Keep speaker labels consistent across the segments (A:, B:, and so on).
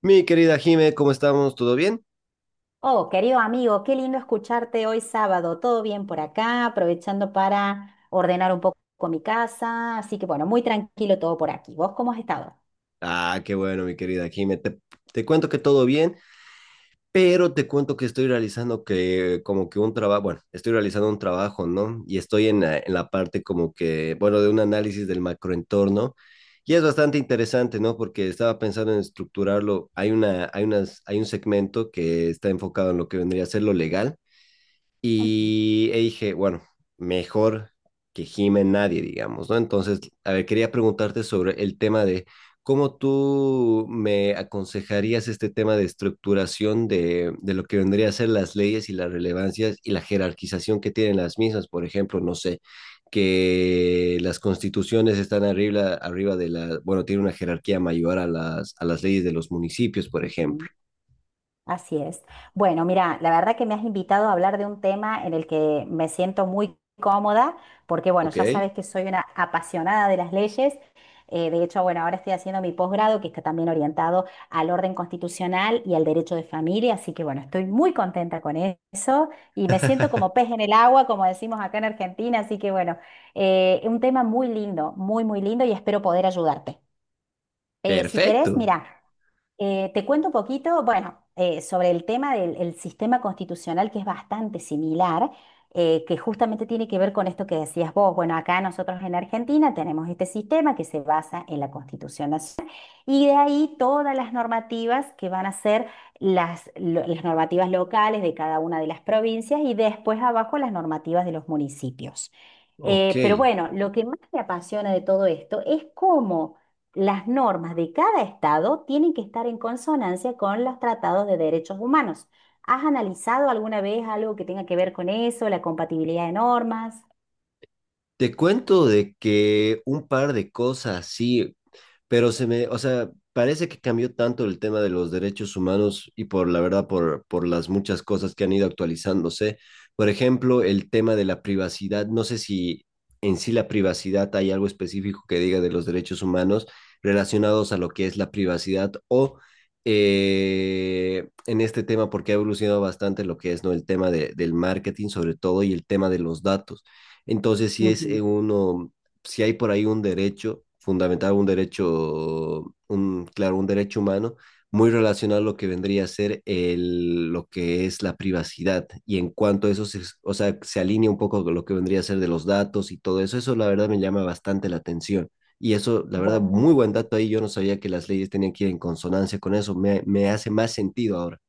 A: Mi querida Jime, ¿cómo estamos? ¿Todo bien?
B: Oh, querido amigo, qué lindo escucharte hoy sábado. Todo bien por acá, aprovechando para ordenar un poco mi casa. Así que bueno, muy tranquilo todo por aquí. ¿Vos cómo has estado?
A: Ah, qué bueno, mi querida Jime. Te cuento que todo bien, pero te cuento que estoy realizando un trabajo, ¿no? Y estoy en la parte como que, bueno, de un análisis del macroentorno. Y es bastante interesante, ¿no? Porque estaba pensando en estructurarlo. Hay una, hay unas, hay un segmento que está enfocado en lo que vendría a ser lo legal.
B: Ujú,
A: Y dije, bueno, mejor que gime nadie, digamos, ¿no? Entonces, a ver, quería preguntarte sobre el tema de cómo tú me aconsejarías este tema de estructuración de lo que vendría a ser las leyes y las relevancias y la jerarquización que tienen las mismas, por ejemplo, no sé, que las constituciones están arriba de la, bueno, tiene una jerarquía mayor a las leyes de los municipios, por ejemplo.
B: ujú. Así es. Bueno, mira, la verdad que me has invitado a hablar de un tema en el que me siento muy cómoda, porque bueno, ya
A: ¿Ok?
B: sabes que soy una apasionada de las leyes. De hecho, bueno, ahora estoy haciendo mi posgrado, que está también orientado al orden constitucional y al derecho de familia, así que bueno, estoy muy contenta con eso y me siento como pez en el agua, como decimos acá en Argentina, así que bueno, un tema muy lindo, muy, muy lindo y espero poder ayudarte. Si
A: Perfecto,
B: querés, mira. Te cuento un poquito, bueno, sobre el tema del el sistema constitucional que es bastante similar, que justamente tiene que ver con esto que decías vos. Bueno, acá nosotros en Argentina tenemos este sistema que se basa en la Constitución Nacional y de ahí todas las normativas que van a ser las normativas locales de cada una de las provincias y después abajo las normativas de los municipios.
A: ok.
B: Pero bueno, lo que más me apasiona de todo esto es cómo las normas de cada estado tienen que estar en consonancia con los tratados de derechos humanos. ¿Has analizado alguna vez algo que tenga que ver con eso, la compatibilidad de normas?
A: Te cuento de que un par de cosas, sí, pero o sea, parece que cambió tanto el tema de los derechos humanos y por la verdad, por las muchas cosas que han ido actualizándose. Por ejemplo, el tema de la privacidad, no sé si en sí la privacidad hay algo específico que diga de los derechos humanos relacionados a lo que es la privacidad o en este tema, porque ha evolucionado bastante lo que es, ¿no?, el tema de, del marketing sobre todo y el tema de los datos. Entonces, si es
B: Ujú.
A: uno, si hay por ahí un derecho fundamental, un derecho, un, claro, un derecho humano, muy relacionado a lo que vendría a ser el, lo que es la privacidad. Y en cuanto a eso, se, o sea, se alinea un poco con lo que vendría a ser de los datos y todo eso, eso la verdad me llama bastante la atención. Y eso, la verdad,
B: Bueno.
A: muy buen dato ahí. Yo no sabía que las leyes tenían que ir en consonancia con eso. Me hace más sentido ahora.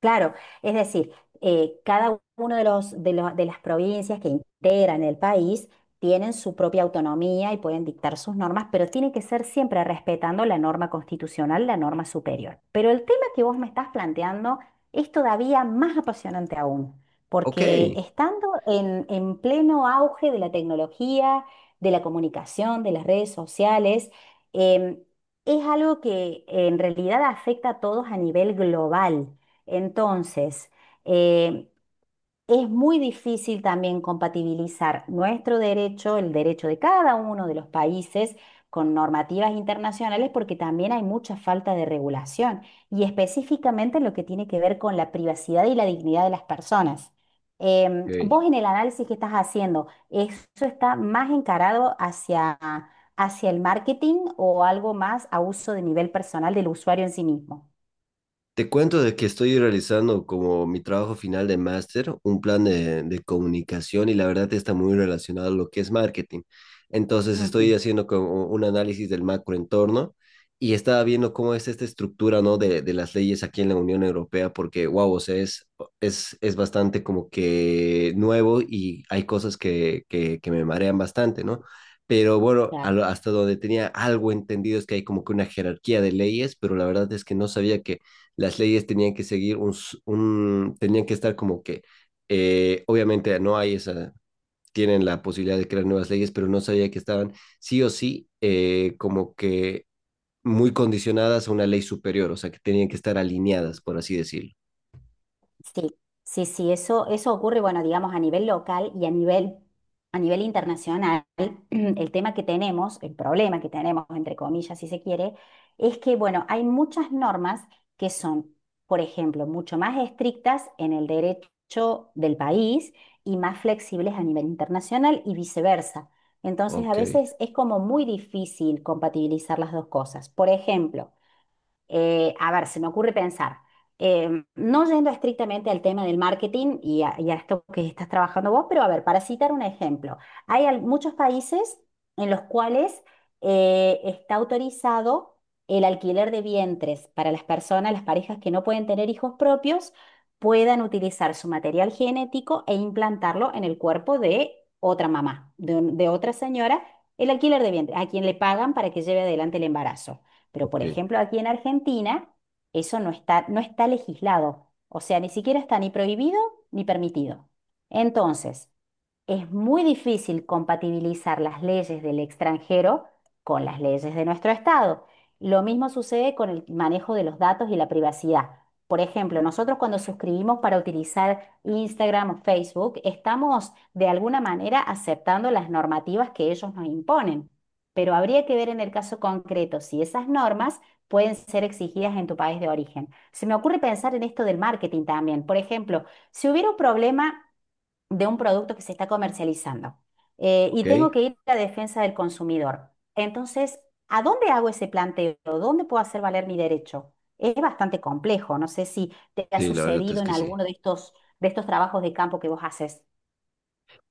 B: Claro, es decir, cada uno de de las provincias que integran el país tienen su propia autonomía y pueden dictar sus normas, pero tiene que ser siempre respetando la norma constitucional, la norma superior. Pero el tema que vos me estás planteando es todavía más apasionante aún,
A: Ok.
B: porque estando en pleno auge de la tecnología, de la comunicación, de las redes sociales, em, es algo que en realidad afecta a todos a nivel global. Entonces, eh, es muy difícil también compatibilizar nuestro derecho, el derecho de cada uno de los países, con normativas internacionales, porque también hay mucha falta de regulación, y específicamente en lo que tiene que ver con la privacidad y la dignidad de las personas.
A: Ok.
B: Vos en el análisis que estás haciendo, ¿eso está más encarado hacia, hacia el marketing o algo más a uso de nivel personal del usuario en sí mismo?
A: Te cuento de que estoy realizando como mi trabajo final de máster, un plan de comunicación y la verdad está muy relacionado a lo que es marketing. Entonces estoy
B: Ujú,
A: haciendo como un análisis del macroentorno y estaba viendo cómo es esta estructura, ¿no?, de las leyes aquí en la Unión Europea, porque, wow, o sea, es bastante como que nuevo y hay cosas que me marean bastante, ¿no? Pero bueno,
B: claro.
A: hasta donde tenía algo entendido es que hay como que una jerarquía de leyes, pero la verdad es que no sabía que las leyes tenían que seguir un tenían que estar como que, obviamente no hay esa, tienen la posibilidad de crear nuevas leyes, pero no sabía que estaban sí o sí como que muy condicionadas a una ley superior, o sea, que tenían que estar alineadas, por así decirlo.
B: Sí, sí, sí, eso ocurre, bueno, digamos, a nivel local y a nivel internacional. El tema que tenemos, el problema que tenemos, entre comillas, si se quiere, es que, bueno, hay muchas normas que son, por ejemplo, mucho más estrictas en el derecho del país y más flexibles a nivel internacional y viceversa. Entonces, a
A: Ok,
B: veces es como muy difícil compatibilizar las dos cosas. Por ejemplo, a ver, se me ocurre pensar, no yendo estrictamente al tema del marketing y a esto que estás trabajando vos, pero a ver, para citar un ejemplo, hay muchos países en los cuales está autorizado el alquiler de vientres para las personas, las parejas que no pueden tener hijos propios, puedan utilizar su material genético e implantarlo en el cuerpo de otra mamá, de, de otra señora, el alquiler de vientre, a quien le pagan para que lleve adelante el embarazo. Pero,
A: ok,
B: por ejemplo, aquí en Argentina, eso no está legislado. O sea, ni siquiera está ni prohibido ni permitido. Entonces, es muy difícil compatibilizar las leyes del extranjero con las leyes de nuestro Estado. Lo mismo sucede con el manejo de los datos y la privacidad. Por ejemplo, nosotros cuando suscribimos para utilizar Instagram o Facebook, estamos de alguna manera aceptando las normativas que ellos nos imponen. Pero habría que ver en el caso concreto si esas normas pueden ser exigidas en tu país de origen. Se me ocurre pensar en esto del marketing también. Por ejemplo, si hubiera un problema de un producto que se está comercializando y tengo
A: ok.
B: que ir a la defensa del consumidor. Entonces, ¿a dónde hago ese planteo? ¿Dónde puedo hacer valer mi derecho? Es bastante complejo. No sé si te ha
A: Sí, la verdad es
B: sucedido en
A: que sí.
B: alguno de estos trabajos de campo que vos haces.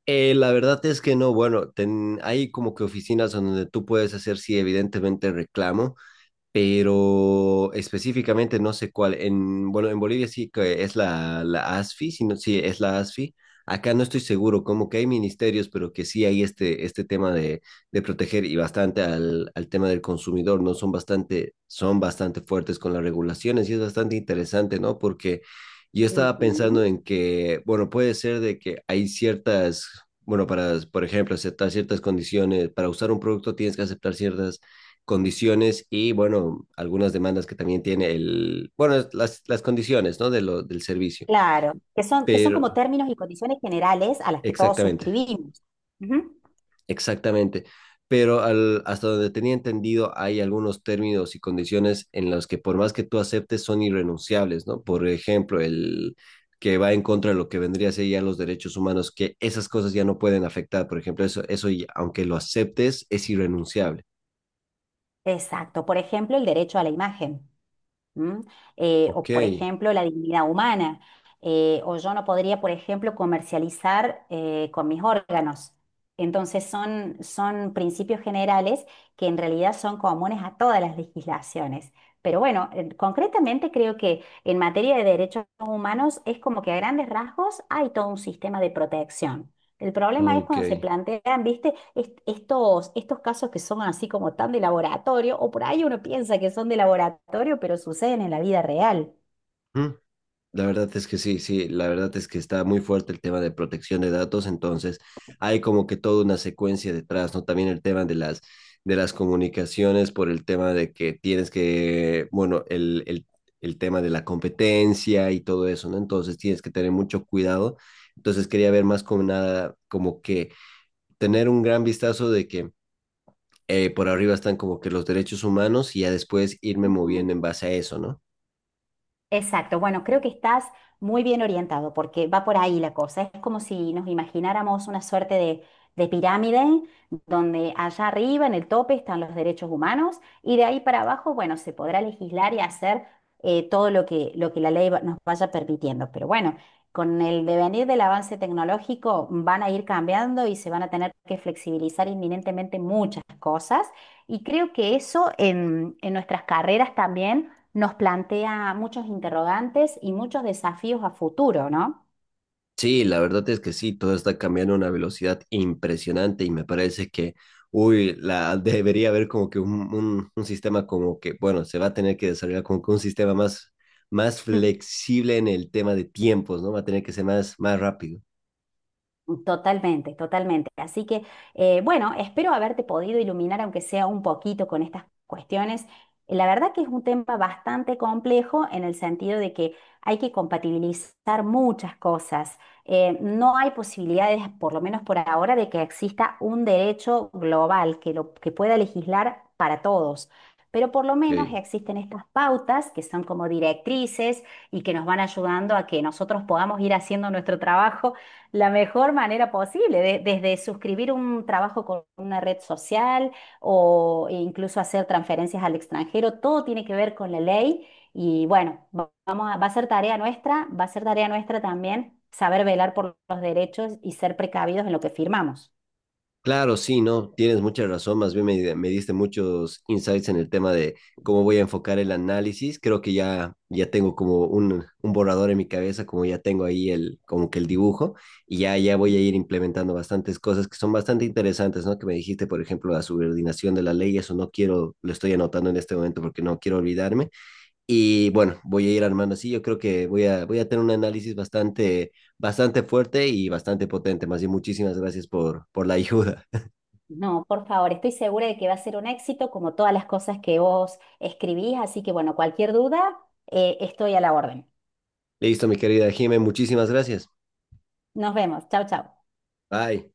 A: La verdad es que no, bueno, hay como que oficinas donde tú puedes hacer, sí, evidentemente reclamo, pero específicamente no sé cuál. En, bueno, en Bolivia sí que es la ASFI, si no, sí es la ASFI. Acá no estoy seguro, como que hay ministerios, pero que sí hay este tema de proteger y bastante al tema del consumidor, ¿no? Son bastante fuertes con las regulaciones y es bastante interesante, ¿no? Porque yo estaba
B: Ujú.
A: pensando en que, bueno, puede ser de que hay ciertas, bueno, para, por ejemplo, aceptar ciertas condiciones, para usar un producto tienes que aceptar ciertas condiciones y, bueno, algunas demandas que también tiene el, bueno, las condiciones, ¿no? De lo, del servicio.
B: Claro, que son
A: Pero,
B: como términos y condiciones generales a las que todos
A: exactamente,
B: suscribimos. Ujú.
A: exactamente. Pero al, hasta donde tenía entendido, hay algunos términos y condiciones en los que por más que tú aceptes son irrenunciables, ¿no? Por ejemplo, el que va en contra de lo que vendría a ser ya los derechos humanos, que esas cosas ya no pueden afectar. Por ejemplo, eso aunque lo aceptes, es irrenunciable.
B: Exacto. Por ejemplo, el derecho a la imagen. ¿M? O,
A: Ok,
B: por ejemplo, la dignidad humana. O yo no podría, por ejemplo, comercializar con mis órganos. Entonces son, son principios generales que en realidad son comunes a todas las legislaciones. Pero bueno, concretamente creo que en materia de derechos humanos es como que a grandes rasgos hay todo un sistema de protección. El problema es
A: ok.
B: cuando se plantean, ¿viste? Estos, estos casos que son así como tan de laboratorio, o por ahí uno piensa que son de laboratorio, pero suceden en la vida real.
A: ¿Mm? La verdad es que sí, sí, la verdad es que está muy fuerte el tema de protección de datos, entonces hay como que toda una secuencia detrás, ¿no? También el tema de las comunicaciones por el tema de que tienes que, bueno, el tema de la competencia y todo eso, ¿no? Entonces tienes que tener mucho cuidado. Entonces quería ver más como nada, como que tener un gran vistazo de que por arriba están como que los derechos humanos y ya después irme moviendo en base a eso, ¿no?
B: Exacto, bueno, creo que estás muy bien orientado porque va por ahí la cosa. Es como si nos imagináramos una suerte de pirámide donde allá arriba en el tope están los derechos humanos y de ahí para abajo, bueno, se podrá legislar y hacer todo lo que la ley nos vaya permitiendo. Pero bueno, con el devenir del avance tecnológico van a ir cambiando y se van a tener que flexibilizar inminentemente muchas cosas y creo que eso en nuestras carreras también nos plantea muchos interrogantes y muchos desafíos a futuro, ¿no?
A: Sí, la verdad es que sí, todo está cambiando a una velocidad impresionante y me parece que, uy, la, debería haber como que un, un sistema como que, bueno, se va a tener que desarrollar como que un sistema más, más
B: Mm.
A: flexible en el tema de tiempos, ¿no? Va a tener que ser más, más rápido.
B: Totalmente, totalmente. Así que, bueno, espero haberte podido iluminar, aunque sea un poquito, con estas cuestiones. La verdad que es un tema bastante complejo en el sentido de que hay que compatibilizar muchas cosas. No hay posibilidades, por lo menos por ahora, de que exista un derecho global que, lo, que pueda legislar para todos. Pero por lo menos
A: Ok.
B: existen estas pautas que son como directrices y que nos van ayudando a que nosotros podamos ir haciendo nuestro trabajo la mejor manera posible, desde suscribir un trabajo con una red social o incluso hacer transferencias al extranjero, todo tiene que ver con la ley y bueno, va a ser tarea nuestra, va a ser tarea nuestra también saber velar por los derechos y ser precavidos en lo que firmamos.
A: Claro, sí, no, tienes mucha razón. Más bien me diste muchos insights en el tema de cómo voy a enfocar el análisis. Creo que ya tengo como un borrador en mi cabeza, como ya tengo ahí el, como que el dibujo, y ya voy a ir implementando bastantes cosas que son bastante interesantes, ¿no? Que me dijiste, por ejemplo, la subordinación de la ley, eso no quiero, lo estoy anotando en este momento porque no quiero olvidarme. Y bueno, voy a ir armando así. Yo creo que voy a tener un análisis bastante, bastante fuerte y bastante potente. Más bien, muchísimas gracias por la ayuda.
B: No, por favor, estoy segura de que va a ser un éxito como todas las cosas que vos escribís, así que bueno, cualquier duda, estoy a la orden.
A: Listo, mi querida Jimé, muchísimas gracias.
B: Nos vemos, chao, chao.
A: Bye.